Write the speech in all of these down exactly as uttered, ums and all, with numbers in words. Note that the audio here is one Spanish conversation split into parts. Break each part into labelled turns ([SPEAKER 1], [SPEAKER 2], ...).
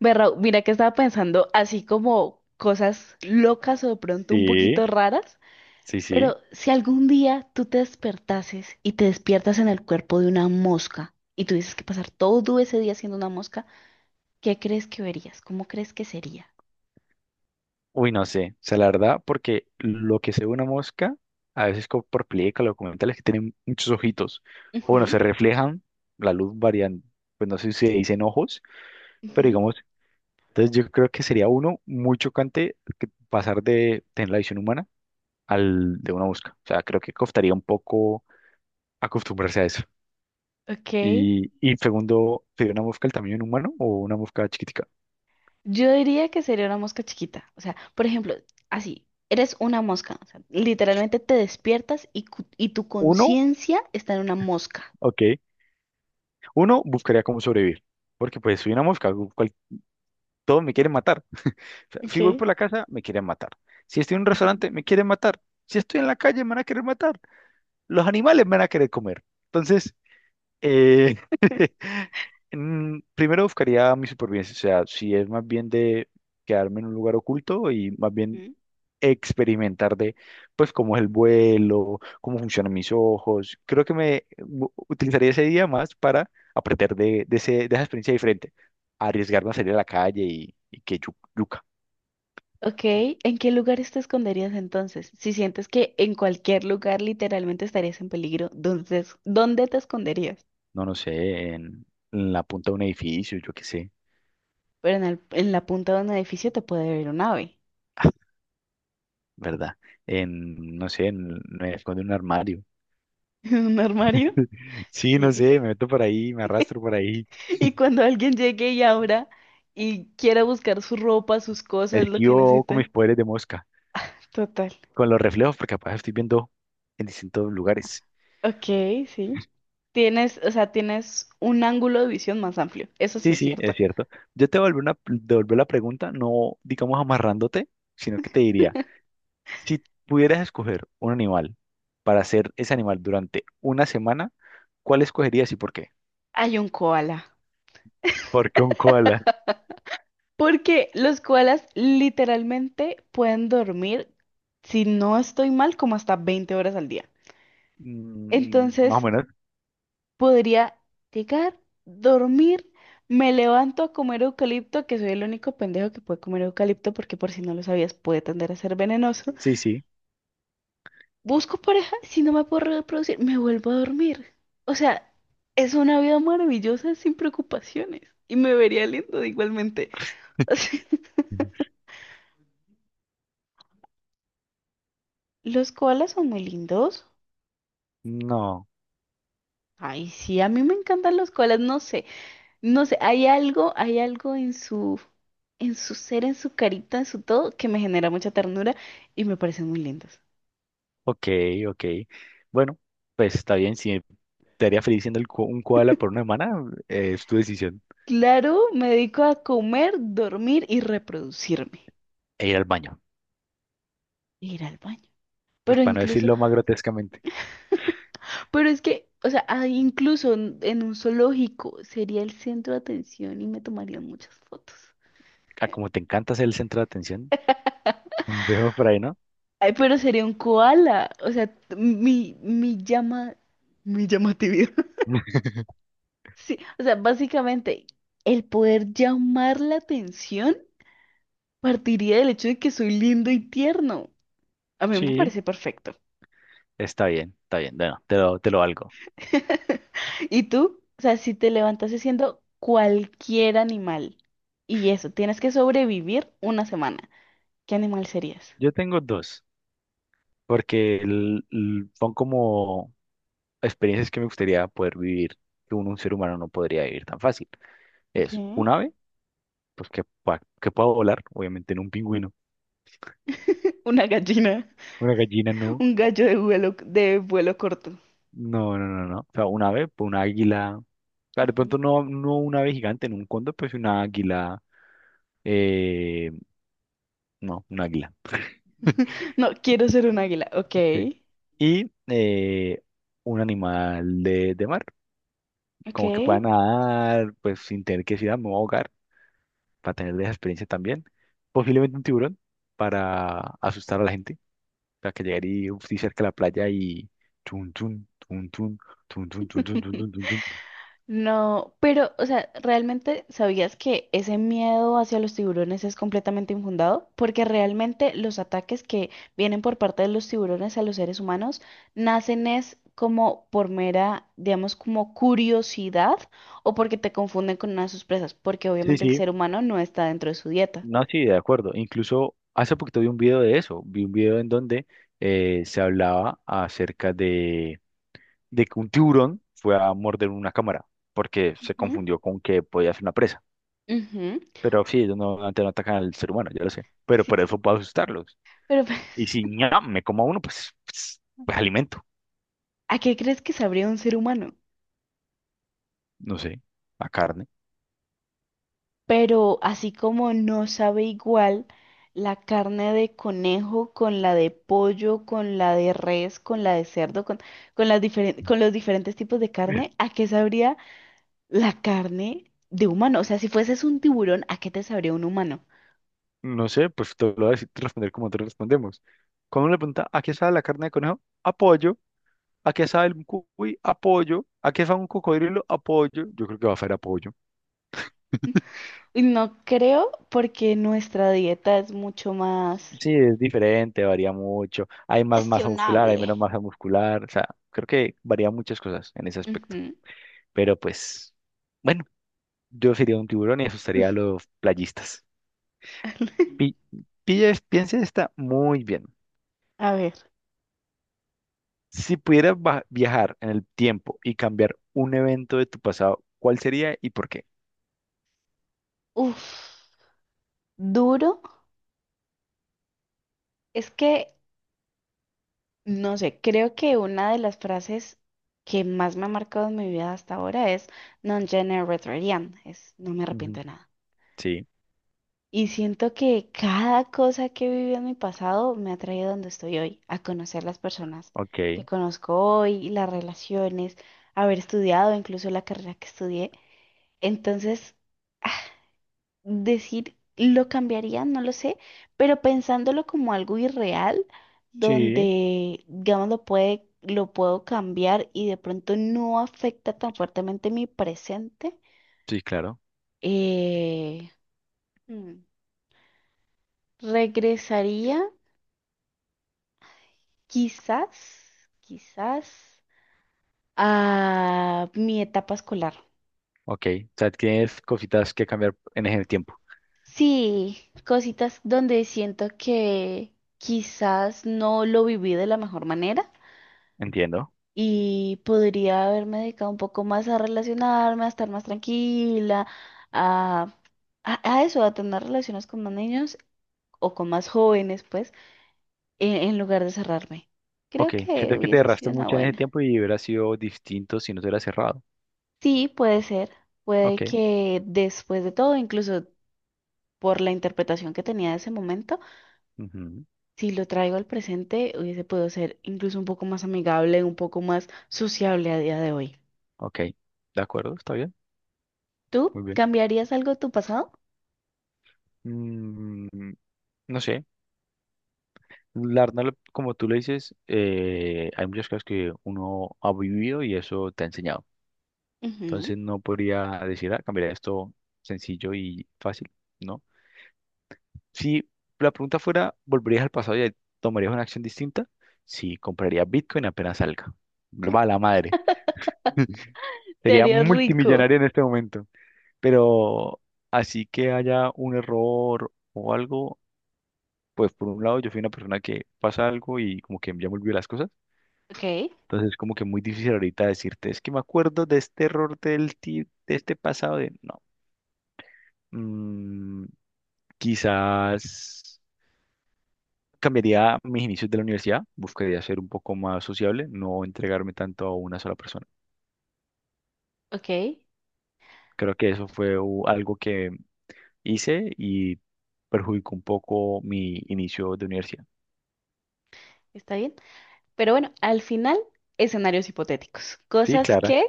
[SPEAKER 1] Ve, Raúl, mira que estaba pensando así como cosas locas o de pronto un
[SPEAKER 2] Sí,
[SPEAKER 1] poquito raras,
[SPEAKER 2] sí,
[SPEAKER 1] pero
[SPEAKER 2] sí.
[SPEAKER 1] si algún día tú te despertases y te despiertas en el cuerpo de una mosca y tuvieses que pasar todo ese día siendo una mosca, ¿qué crees que verías? ¿Cómo crees que sería?
[SPEAKER 2] Uy, no sé. O sea, la verdad, porque lo que se ve una mosca, a veces como por películas, o documentales que tienen muchos ojitos, o bueno, se
[SPEAKER 1] Ujú,
[SPEAKER 2] reflejan, la luz variando. Pues no sé si se dicen ojos, pero
[SPEAKER 1] ujú.
[SPEAKER 2] digamos, entonces yo creo que sería uno muy chocante que pasar de tener la visión humana al de una mosca. O sea, creo que costaría un poco acostumbrarse a eso.
[SPEAKER 1] Ok.
[SPEAKER 2] Y, y segundo, ¿sería una mosca del tamaño de un humano o una mosca chiquitica?
[SPEAKER 1] Yo diría que sería una mosca chiquita. O sea, por ejemplo, así, eres una mosca. O sea, literalmente te despiertas y, cu- y tu
[SPEAKER 2] Uno,
[SPEAKER 1] conciencia está en una mosca.
[SPEAKER 2] ok. Uno, buscaría cómo sobrevivir, porque pues soy una mosca, gu- cual- todos me quieren matar. O sea, si voy
[SPEAKER 1] Okay.
[SPEAKER 2] por la casa, me quieren matar. Si estoy en un restaurante, me quieren matar. Si estoy en la calle, me van a querer matar. Los animales me van a querer comer. Entonces, eh, mm, primero buscaría mi supervivencia, o sea, si es más bien de quedarme en un lugar oculto y más bien
[SPEAKER 1] Ujú.
[SPEAKER 2] experimentar de, pues, cómo es el vuelo, cómo funcionan mis ojos. Creo que me u- utilizaría ese día más para aprender de, de, ese, de esa experiencia diferente, arriesgarme a salir a la calle y, y que yu- yuca,
[SPEAKER 1] Ok, ¿en qué lugares te esconderías entonces? Si sientes que en cualquier lugar literalmente estarías en peligro, entonces, ¿dónde te esconderías?
[SPEAKER 2] no, no sé, en, en la punta de un edificio, yo qué sé.
[SPEAKER 1] Pero en, el- en la punta de un edificio te puede ver un ave.
[SPEAKER 2] Ah, ¿verdad? En, no sé, en, me escondo en un armario.
[SPEAKER 1] Un armario.
[SPEAKER 2] Sí, no sé,
[SPEAKER 1] Y,
[SPEAKER 2] me meto por ahí, me arrastro por ahí,
[SPEAKER 1] y cuando alguien llegue y abra y quiera buscar su ropa, sus cosas, lo que
[SPEAKER 2] esquivo con
[SPEAKER 1] necesite.
[SPEAKER 2] mis poderes de mosca,
[SPEAKER 1] Total.
[SPEAKER 2] con los reflejos, porque capaz estoy viendo en distintos lugares.
[SPEAKER 1] Ok, sí. Tienes, o sea, tienes un ángulo de visión más amplio. Eso sí
[SPEAKER 2] Sí,
[SPEAKER 1] es
[SPEAKER 2] sí,
[SPEAKER 1] cierto.
[SPEAKER 2] es cierto. Yo te vuelvo una, devuelvo la pregunta, no digamos amarrándote, sino que te diría, si pudieras escoger un animal para ser ese animal durante una semana, ¿cuál escogerías y por qué?
[SPEAKER 1] Hay un koala.
[SPEAKER 2] ¿Por qué un koala?
[SPEAKER 1] Porque los koalas literalmente pueden dormir, si no estoy mal, como hasta veinte horas al día.
[SPEAKER 2] Mm, más o
[SPEAKER 1] Entonces,
[SPEAKER 2] menos.
[SPEAKER 1] podría llegar, dormir, me levanto a comer eucalipto, que soy el único pendejo que puede comer eucalipto, porque por si no lo sabías, puede tender a ser venenoso.
[SPEAKER 2] Sí, sí.
[SPEAKER 1] Busco pareja, si no me puedo reproducir, me vuelvo a dormir. O sea, es una vida maravillosa sin preocupaciones. Y me vería lindo igualmente. O sea, los koalas son muy lindos.
[SPEAKER 2] No.
[SPEAKER 1] Ay, sí, a mí me encantan los koalas, no sé, no sé, hay algo, hay algo en su, en su ser, en su carita, en su todo, que me genera mucha ternura y me parecen muy lindos.
[SPEAKER 2] Ok, ok. Bueno, pues está bien. Si te haría feliz siendo el ko- un koala por una semana, eh, es tu decisión.
[SPEAKER 1] Claro, me dedico a comer, dormir y reproducirme,
[SPEAKER 2] E ir al baño.
[SPEAKER 1] e ir al baño.
[SPEAKER 2] Pues
[SPEAKER 1] Pero
[SPEAKER 2] para no
[SPEAKER 1] incluso,
[SPEAKER 2] decirlo más grotescamente.
[SPEAKER 1] pero es que, o sea, ah, incluso en, en un zoológico sería el centro de atención y me tomarían muchas fotos.
[SPEAKER 2] Ah, como te encanta ser el centro de atención, veo por ahí, ¿no?
[SPEAKER 1] Ay, pero sería un koala, o sea, mi, mi llama, mi llamatividad. Sí, o sea, básicamente el poder llamar la atención partiría del hecho de que soy lindo y tierno. A mí me
[SPEAKER 2] Sí,
[SPEAKER 1] parece perfecto.
[SPEAKER 2] está bien, está bien. Bueno, te lo, te lo valgo.
[SPEAKER 1] ¿Y tú? O sea, si te levantas siendo cualquier animal y eso, tienes que sobrevivir una semana, ¿qué animal serías?
[SPEAKER 2] Yo tengo dos, porque el- el- son como experiencias que me gustaría poder vivir, que un, un ser humano no podría vivir tan fácil. Es
[SPEAKER 1] Okay.
[SPEAKER 2] un ave, pues que, pueda- que pueda volar, obviamente en un pingüino.
[SPEAKER 1] Una gallina,
[SPEAKER 2] Una gallina no.
[SPEAKER 1] un gallo de vuelo, de vuelo corto.
[SPEAKER 2] No, no, no, no. O sea, un ave, pues un águila. Claro, de pronto
[SPEAKER 1] Ujú.
[SPEAKER 2] no, no un ave gigante en un cóndor, pues una águila. Eh, no, un águila.
[SPEAKER 1] No, quiero ser un águila. Ok,
[SPEAKER 2] Sí. Y eh, un animal de, de mar,
[SPEAKER 1] ok.
[SPEAKER 2] como que pueda nadar, pues sin tener que decir, "Ah, me voy a ahogar", para tener esa experiencia también. Posiblemente un tiburón para asustar a la gente, para que llegar y uf, sí, cerca a la playa y tun, tun, tun, tun, tun, tun, tun, tun, tun, tun, tun, tun.
[SPEAKER 1] No, pero, o sea, ¿realmente sabías que ese miedo hacia los tiburones es completamente infundado? Porque realmente los ataques que vienen por parte de los tiburones a los seres humanos nacen es como por mera, digamos, como curiosidad o porque te confunden con una de sus presas, porque
[SPEAKER 2] Sí,
[SPEAKER 1] obviamente el
[SPEAKER 2] sí,
[SPEAKER 1] ser humano no está dentro de su dieta.
[SPEAKER 2] no, sí, de acuerdo. Incluso hace poquito vi un video de eso, vi un video en donde eh, se hablaba acerca de, de que un tiburón fue a morder una cámara porque se
[SPEAKER 1] Ujú.
[SPEAKER 2] confundió con que podía ser una presa.
[SPEAKER 1] Ujú.
[SPEAKER 2] Pero sí, ellos no, antes no atacan al ser humano, yo lo sé. Pero
[SPEAKER 1] Sí,
[SPEAKER 2] por eso puedo asustarlos.
[SPEAKER 1] pero
[SPEAKER 2] Y si ñam, me como a uno, pues, pues, pues alimento.
[SPEAKER 1] ¿a qué crees que sabría un ser humano?
[SPEAKER 2] No sé, la carne.
[SPEAKER 1] Pero así como no sabe igual la carne de conejo con la de pollo, con la de res, con la de cerdo, con, con las diferen- con los diferentes tipos de carne, ¿a qué sabría la carne de humano? O sea, si fueses un tiburón, ¿a qué te sabría un humano?
[SPEAKER 2] No sé, pues te lo voy a decir, responder como te respondemos. Cuando uno le pregunta, ¿a qué sabe la carne de conejo? Apoyo. ¿A qué sabe el cuy? Apoyo. ¿A qué sabe un cocodrilo? Apoyo. Yo creo que va a ser apoyo.
[SPEAKER 1] Y no creo porque nuestra dieta es mucho más
[SPEAKER 2] Sí, es diferente, varía mucho. Hay más masa muscular, hay
[SPEAKER 1] cuestionable.
[SPEAKER 2] menos masa muscular. O sea, creo que varía muchas cosas en ese aspecto.
[SPEAKER 1] Ujú.
[SPEAKER 2] Pero pues... Bueno, yo sería un tiburón y asustaría a los playistas. Pi- pilla es- piensa esta muy bien.
[SPEAKER 1] A ver,
[SPEAKER 2] Si pudieras va- viajar en el tiempo y cambiar un evento de tu pasado, ¿cuál sería y por qué?
[SPEAKER 1] uff, duro. Es que no sé, creo que una de las frases que más me ha marcado en mi vida hasta ahora es non gene retrarian, es no me arrepiento
[SPEAKER 2] Ujú.
[SPEAKER 1] de nada.
[SPEAKER 2] Sí,
[SPEAKER 1] Y siento que cada cosa que he vivido en mi pasado me ha traído a donde estoy hoy, a conocer las personas que
[SPEAKER 2] ok.
[SPEAKER 1] conozco hoy, las relaciones, haber estudiado incluso la carrera que estudié. Entonces, decir lo cambiaría, no lo sé, pero pensándolo como algo irreal,
[SPEAKER 2] Sí,
[SPEAKER 1] donde, digamos, lo puede, lo puedo cambiar y de pronto no afecta tan fuertemente mi presente,
[SPEAKER 2] sí, claro.
[SPEAKER 1] eh, hmm, regresaría quizás, quizás a mi etapa escolar.
[SPEAKER 2] Ok. O sea, tienes cositas que cambiar en ese tiempo.
[SPEAKER 1] Sí, cositas donde siento que quizás no lo viví de la mejor manera
[SPEAKER 2] Entiendo.
[SPEAKER 1] y podría haberme dedicado un poco más a relacionarme, a estar más tranquila, a, a, a eso, a tener relaciones con más niños o con más jóvenes, pues, en, en lugar de cerrarme.
[SPEAKER 2] Ok.
[SPEAKER 1] Creo que
[SPEAKER 2] Siento que te
[SPEAKER 1] hubiese
[SPEAKER 2] erraste
[SPEAKER 1] sido una
[SPEAKER 2] mucho en ese
[SPEAKER 1] buena.
[SPEAKER 2] tiempo y hubiera sido distinto si no te hubieras cerrado.
[SPEAKER 1] Sí, puede ser. Puede
[SPEAKER 2] Ok,
[SPEAKER 1] que después de todo, incluso por la interpretación que tenía de ese momento,
[SPEAKER 2] ujú,
[SPEAKER 1] si lo traigo al presente, hubiese podido ser incluso un poco más amigable, un poco más sociable a día de hoy.
[SPEAKER 2] ok. De acuerdo, está bien.
[SPEAKER 1] ¿Tú
[SPEAKER 2] Muy bien.
[SPEAKER 1] cambiarías algo de tu pasado?
[SPEAKER 2] Mm, no sé. La verdad, lo- como tú le dices, eh, hay muchas cosas que uno ha vivido y eso te ha enseñado.
[SPEAKER 1] Ujú.
[SPEAKER 2] Entonces no podría decir, ah, cambiaría esto sencillo y fácil, ¿no? Si la pregunta fuera, ¿volverías al pasado y tomarías una acción distinta? Sí, compraría Bitcoin apenas salga. Va la madre.
[SPEAKER 1] Te
[SPEAKER 2] Sería
[SPEAKER 1] harías rico.
[SPEAKER 2] multimillonario en este momento. Pero así que haya un error o algo, pues por un lado yo fui una persona que pasa algo y como que ya me olvidó las cosas.
[SPEAKER 1] Ok,
[SPEAKER 2] Entonces es como que muy difícil ahorita decirte, es que me acuerdo de este error del ti- de este pasado de no. Mm, quizás cambiaría mis inicios de la universidad, buscaría ser un poco más sociable, no entregarme tanto a una sola persona.
[SPEAKER 1] ok,
[SPEAKER 2] Creo que eso fue u- algo que hice y perjudicó un poco mi inicio de universidad.
[SPEAKER 1] está bien. Pero bueno, al final, escenarios hipotéticos,
[SPEAKER 2] Sí,
[SPEAKER 1] cosas
[SPEAKER 2] Clara,
[SPEAKER 1] que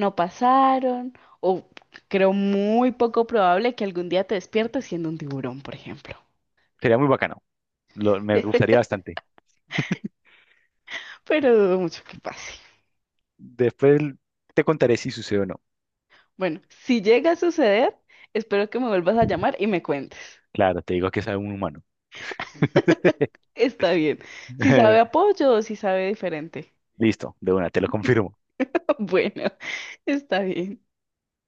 [SPEAKER 1] no pasaron o creo muy poco probable que algún día te despiertes siendo un tiburón, por ejemplo.
[SPEAKER 2] sería muy bacano. Lo- me gustaría bastante.
[SPEAKER 1] Pero dudo mucho que pase.
[SPEAKER 2] Después te contaré si sucede o no.
[SPEAKER 1] Bueno, si llega a suceder, espero que me vuelvas a llamar y me cuentes.
[SPEAKER 2] Claro, te digo que es un humano.
[SPEAKER 1] Está bien. Si sabe apoyo o si sabe diferente.
[SPEAKER 2] Listo, de una, te lo confirmo.
[SPEAKER 1] Bueno, está bien.